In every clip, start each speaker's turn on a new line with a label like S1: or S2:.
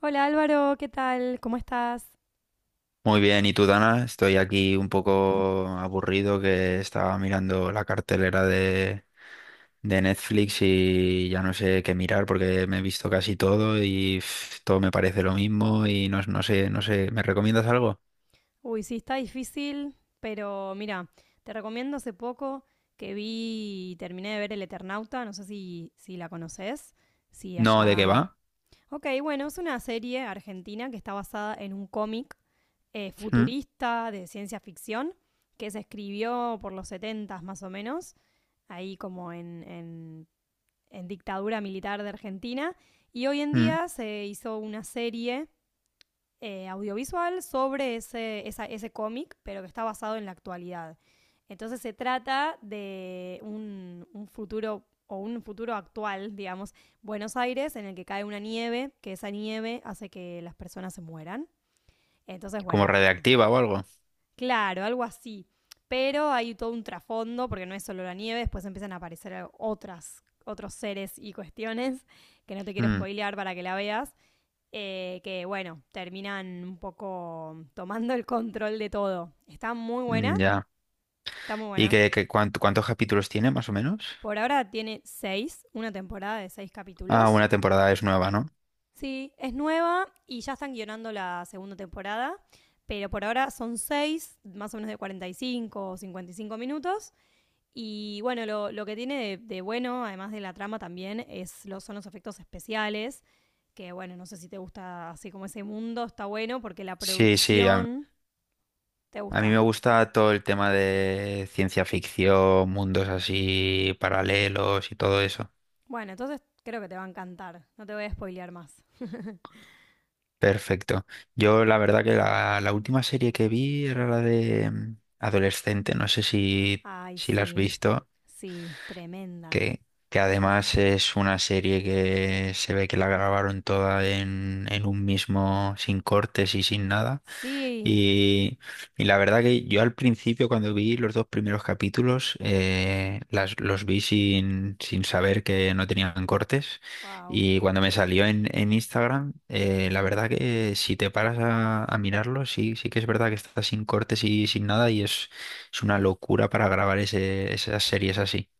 S1: Hola Álvaro, ¿qué tal? ¿Cómo estás?
S2: Muy bien, ¿y tú, Dana? Estoy aquí un poco aburrido que estaba mirando la cartelera de Netflix y ya no sé qué mirar porque me he visto casi todo y pf, todo me parece lo mismo y no, no sé, ¿me recomiendas algo?
S1: Uy, sí, está difícil, pero mira, te recomiendo hace poco que vi y terminé de ver El Eternauta, no sé si la conoces, si
S2: No, ¿de qué
S1: allá...
S2: va?
S1: Ok, bueno, es una serie argentina que está basada en un cómic
S2: Mm.
S1: futurista de ciencia ficción que se escribió por los 70 más o menos, ahí como en dictadura militar de Argentina, y hoy en
S2: Mm.
S1: día se hizo una serie audiovisual sobre ese cómic, pero que está basado en la actualidad. Entonces se trata de un futuro o un futuro actual, digamos, Buenos Aires, en el que cae una nieve, que esa nieve hace que las personas se mueran. Entonces,
S2: ¿Como
S1: bueno, ah,
S2: radiactiva o algo?
S1: claro, algo así. Pero hay todo un trasfondo, porque no es solo la nieve, después empiezan a aparecer otras, otros seres y cuestiones, que no te quiero
S2: Mm.
S1: spoilear para que la veas que bueno, terminan un poco tomando el control de todo. Está muy
S2: Mm,
S1: buena,
S2: ya.
S1: está muy
S2: ¿Y
S1: buena.
S2: qué, cuántos capítulos tiene más o menos?
S1: Por ahora tiene seis, una temporada de seis
S2: Ah,
S1: capítulos.
S2: una temporada es nueva, ¿no?
S1: Sí, es nueva y ya están guionando la segunda temporada, pero por ahora son seis, más o menos de 45 o 55 minutos. Y bueno, lo que tiene de bueno, además de la trama también, es, los, son los efectos especiales, que bueno, no sé si te gusta así como ese mundo, está bueno porque la
S2: Sí, sí,
S1: producción. ¿Te
S2: a mí
S1: gusta?
S2: me gusta todo el tema de ciencia ficción, mundos así paralelos y todo eso.
S1: Bueno, entonces creo que te va a encantar. No te voy a spoilear más.
S2: Perfecto. Yo la verdad que la última serie que vi era la de Adolescente, no sé
S1: Ay,
S2: si la has
S1: sí,
S2: visto,
S1: sí, tremenda.
S2: que, que además es una serie que se ve que la grabaron toda en un mismo, sin cortes y sin nada.
S1: Sí,
S2: Y, y la verdad que yo al principio cuando vi los dos primeros capítulos las, los vi sin saber que no tenían cortes
S1: wow.
S2: y cuando me salió en Instagram, la verdad que si te paras a mirarlo sí, sí que es verdad que está sin cortes y sin nada y es una locura para grabar ese, esas series así.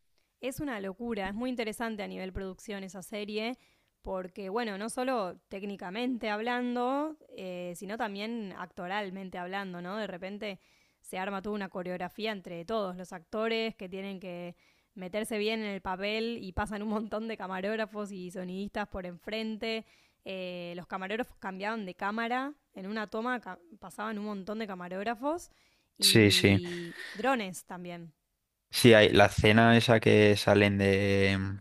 S1: Es una locura, es muy interesante a nivel producción esa serie, porque bueno, no solo técnicamente hablando, sino también actoralmente hablando, ¿no? De repente se arma toda una coreografía entre todos los actores que tienen que meterse bien en el papel y pasan un montón de camarógrafos y sonidistas por enfrente. Los camarógrafos cambiaban de cámara, en una pasaban un montón de camarógrafos
S2: Sí, sí.
S1: y drones también.
S2: Sí, hay, la escena esa que salen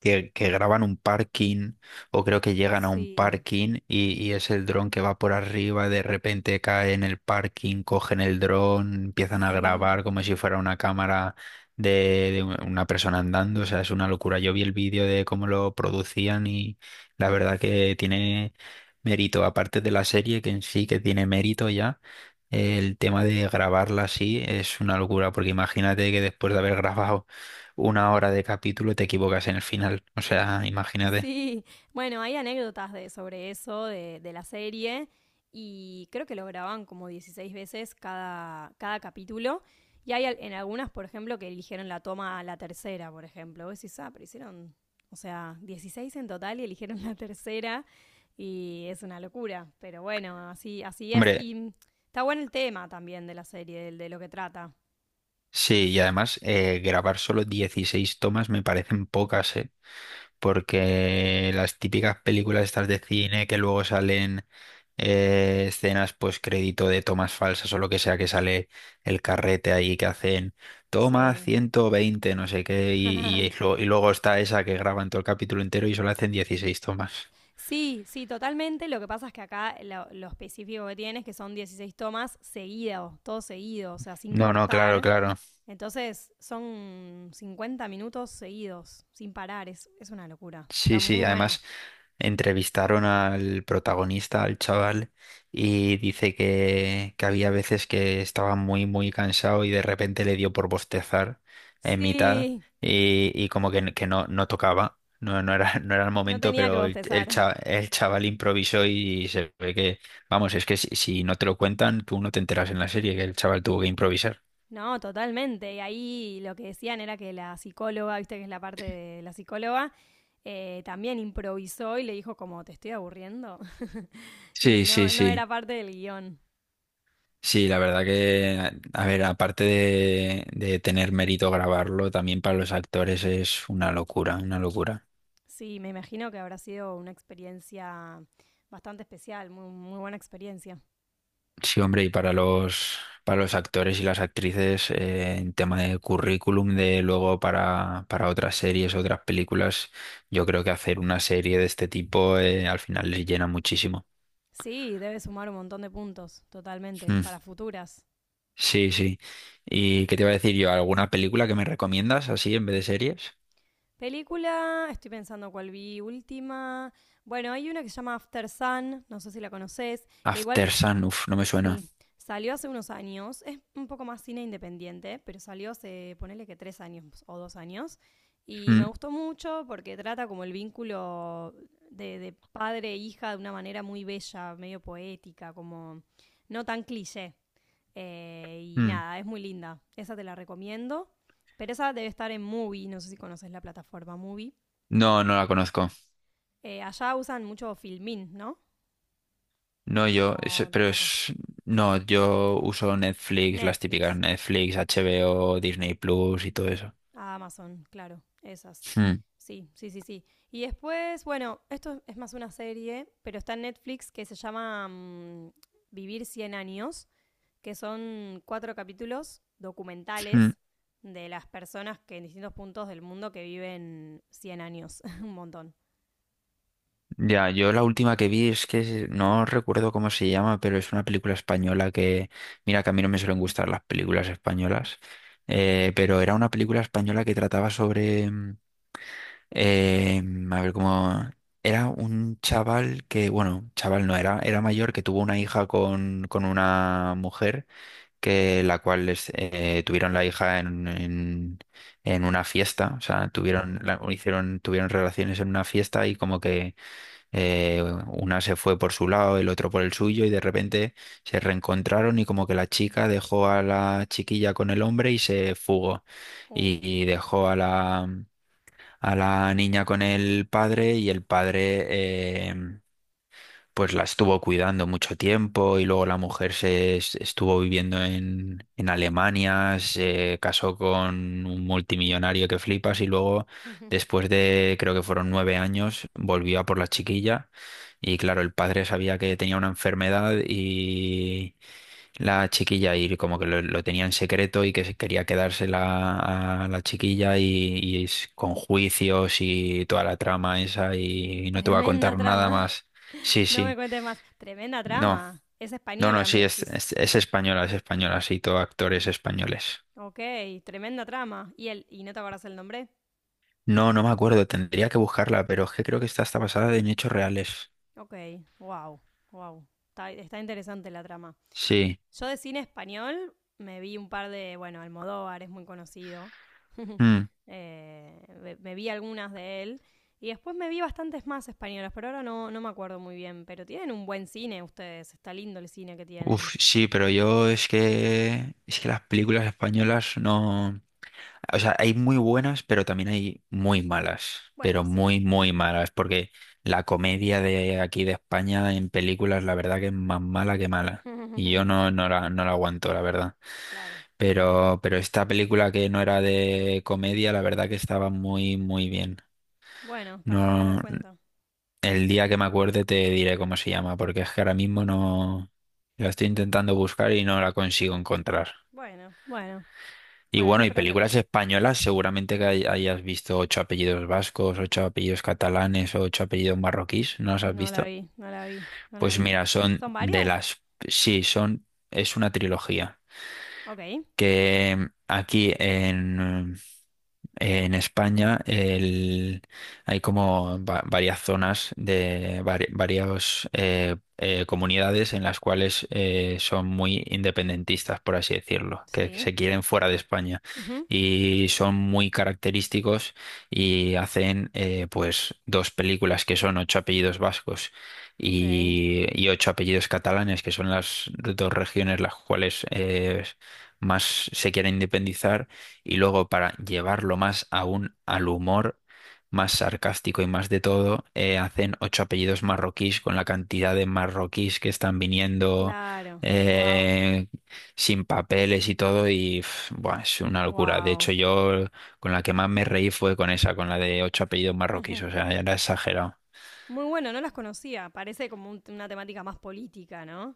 S2: que graban un parking o creo que llegan a un
S1: Sí,
S2: parking y es el dron que va por arriba, de repente cae en el parking, cogen el dron, empiezan a
S1: sí.
S2: grabar como si fuera una cámara de, de una persona andando, o sea, es una locura. Yo vi el vídeo de cómo lo producían y la verdad que tiene mérito, aparte de la serie que en sí que tiene mérito ya. El tema de grabarla así es una locura, porque imagínate que después de haber grabado una hora de capítulo y te equivocas en el final. O sea, imagínate.
S1: Sí, bueno, hay anécdotas de, sobre eso, de la serie, y creo que lo graban como 16 veces cada, cada capítulo. Y hay en algunas, por ejemplo, que eligieron la toma a la tercera, por ejemplo. Vos decís, ah, pero hicieron, o sea, 16 en total y eligieron la tercera. Y es una locura. Pero bueno, así, así es.
S2: Hombre,
S1: Está bueno el tema también de la serie, lo que trata.
S2: sí, y además grabar solo 16 tomas me parecen pocas, ¿eh? Porque las típicas películas estas de cine que luego salen escenas pues crédito de tomas falsas o lo que sea que sale el carrete ahí que hacen toma
S1: Sí.
S2: 120 no sé qué, y y luego está esa que graban todo el capítulo entero y solo hacen 16 tomas.
S1: Sí, sí, totalmente. Lo que pasa es que acá lo específico que tiene es que son 16 tomas seguidos, todo seguido, o sea, sin
S2: No, no, claro,
S1: cortar.
S2: claro.
S1: Entonces son 50 minutos seguidos, sin parar. Es una locura. Está
S2: Sí, sí,
S1: muy buena.
S2: además entrevistaron al protagonista, al chaval, y dice que había veces que estaba muy, muy cansado y de repente le dio por bostezar en mitad
S1: Sí,
S2: y como que no, no tocaba, no, no era, no era el
S1: no
S2: momento,
S1: tenía que
S2: pero
S1: bostezar.
S2: el chaval improvisó y se ve que, vamos, es que si, si no te lo cuentan, tú no te enteras en la serie que el chaval tuvo que improvisar.
S1: No, totalmente. Y ahí lo que decían era que la psicóloga, viste que es la parte de la psicóloga, también improvisó y le dijo como, te estoy aburriendo. Y
S2: Sí, sí,
S1: no, no era
S2: sí.
S1: parte del guión.
S2: Sí, la verdad que, a ver, aparte de tener mérito grabarlo, también para los actores es una locura, una locura.
S1: Sí, me imagino que habrá sido una experiencia bastante especial, muy, muy buena experiencia.
S2: Sí, hombre, y para para los actores y las actrices, en tema de currículum, de luego para otras series, otras películas, yo creo que hacer una serie de este tipo, al final les llena muchísimo.
S1: Sí, debe sumar un montón de puntos, totalmente,
S2: Mm,
S1: para futuras.
S2: sí, sí. ¿Y qué te iba a decir yo? ¿Alguna película que me recomiendas así en vez de series?
S1: Película, estoy pensando cuál vi última. Bueno, hay una que se llama After Sun, no sé si la conoces, que igual.
S2: After Sun, uf, no me suena.
S1: Sí, salió hace unos años, es un poco más cine independiente, pero salió hace, ponele que 3 años o 2 años, y me
S2: Mm.
S1: gustó mucho porque trata como el vínculo de padre e hija de una manera muy bella, medio poética, como no tan cliché. Y
S2: Mm.
S1: nada, es muy linda, esa te la recomiendo, pero esa debe estar en Movie, no sé si conoces la plataforma Movie.
S2: No, no la conozco.
S1: Allá usan mucho Filmin, ¿no?
S2: No, yo, es-
S1: O
S2: pero
S1: tampoco.
S2: es, no, yo uso Netflix, las típicas
S1: Netflix,
S2: Netflix, HBO, Disney Plus y todo eso.
S1: Amazon, claro, esas.
S2: Mm.
S1: Sí, sí, sí, sí. Y después, bueno, esto es más una serie, pero está en Netflix que se llama Vivir 100 años, que son cuatro capítulos
S2: Mm.
S1: documentales de las personas que en distintos puntos del mundo que viven 100 años, un montón.
S2: Ya, yo la última que vi es que no recuerdo cómo se llama, pero es una película española que, mira que a mí no me suelen gustar las películas españolas, pero era una película española que trataba sobre, eh, a ver cómo, era un chaval que, bueno, chaval no era, era mayor que tuvo una hija con una mujer que la cual tuvieron la hija en una fiesta, o sea, tuvieron, o hicieron, tuvieron relaciones en una fiesta y como que una se fue por su lado, el otro por el suyo y de repente se reencontraron y como que la chica dejó a la chiquilla con el hombre y se fugó
S1: Uh.
S2: y dejó a la niña con el padre y el padre... pues la estuvo cuidando mucho tiempo y luego la mujer estuvo viviendo en Alemania, se casó con un multimillonario que flipas y luego después de creo que fueron 9 años volvió a por la chiquilla y claro, el padre sabía que tenía una enfermedad y la chiquilla y como que lo tenía en secreto y que se quería quedársela a la chiquilla y es con juicios y toda la trama esa y no te voy a
S1: Tremenda
S2: contar nada
S1: trama.
S2: más. Sí,
S1: No me
S2: sí.
S1: cuentes más. Tremenda
S2: No,
S1: trama. Es
S2: no, no,
S1: española,
S2: sí,
S1: me decís.
S2: es española, sí, todo actores españoles.
S1: Ok, tremenda trama. ¿Y, el, y no te acordás el nombre?
S2: No, no me acuerdo, tendría que buscarla, pero es que creo que está hasta basada en hechos reales.
S1: Ok, wow, wow. Está, está interesante la trama.
S2: Sí.
S1: Yo de cine español me vi un par de, bueno, Almodóvar es muy conocido.
S2: Mm.
S1: Me vi algunas de él. Y después me vi bastantes más españolas, pero ahora no, no me acuerdo muy bien. Pero tienen un buen cine ustedes, está lindo el cine que tienen.
S2: Uf, sí, pero yo es que las películas españolas no, o sea, hay muy buenas, pero también hay muy malas, pero
S1: Bueno, sí.
S2: muy muy malas, porque la comedia de aquí de España en películas, la verdad que es más mala que mala, y yo no no la no la aguanto, la verdad.
S1: Claro, claro.
S2: Pero esta película que no era de comedia, la verdad que estaba muy, muy bien.
S1: Bueno, para tener en
S2: No,
S1: cuenta.
S2: el día que me acuerde te diré cómo se llama, porque es que ahora mismo no la estoy intentando buscar y no la consigo encontrar.
S1: Bueno, bueno,
S2: Y
S1: bueno, no
S2: bueno,
S1: hay
S2: y
S1: problema.
S2: películas españolas, seguramente que hayas visto ocho apellidos vascos, ocho apellidos catalanes, ocho apellidos marroquíes, ¿no las has
S1: No la
S2: visto?
S1: vi, no la vi, no las
S2: Pues
S1: vi.
S2: mira, son
S1: ¿Son
S2: de
S1: varias?
S2: las, sí, son, es una trilogía
S1: Ok,
S2: que aquí en en España hay como varias zonas de varias comunidades en las cuales son muy independentistas, por así decirlo, que
S1: sí.
S2: se quieren fuera de España
S1: Ujú,
S2: y son muy característicos y hacen pues dos películas que son ocho apellidos vascos
S1: ok,
S2: y ocho apellidos catalanes, que son las dos regiones las cuales más se quieren independizar y luego para llevarlo más aún al humor, más sarcástico y más de todo, hacen ocho apellidos marroquíes con la cantidad de marroquíes que están viniendo
S1: claro. Wow.
S2: eh, sin papeles y todo. Y pf, buah, es una locura. De
S1: Wow.
S2: hecho, yo con la que más me reí fue con esa, con la de ocho apellidos marroquíes. O sea, era exagerado.
S1: Muy bueno, no las conocía. Parece como una temática más política, ¿no?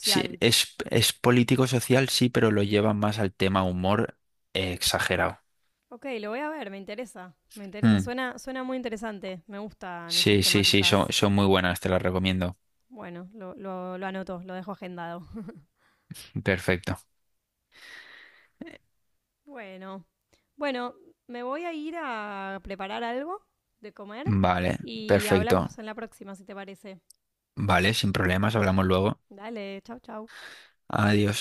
S2: Sí, es político-social, sí, pero lo llevan más al tema humor, exagerado.
S1: Ok, lo voy a ver, me interesa. Me interesa.
S2: Mm.
S1: Suena, suena muy interesante. Me gustan esas
S2: Sí, sí, sí, son,
S1: temáticas.
S2: son muy buenas, te las recomiendo.
S1: Bueno, lo anoto, lo dejo agendado.
S2: Perfecto.
S1: Bueno. Bueno, me voy a ir a preparar algo de comer
S2: Vale,
S1: y
S2: perfecto.
S1: hablamos en la próxima, si te parece.
S2: Vale, sin problemas, hablamos luego.
S1: Dale, chau, chau.
S2: Adiós.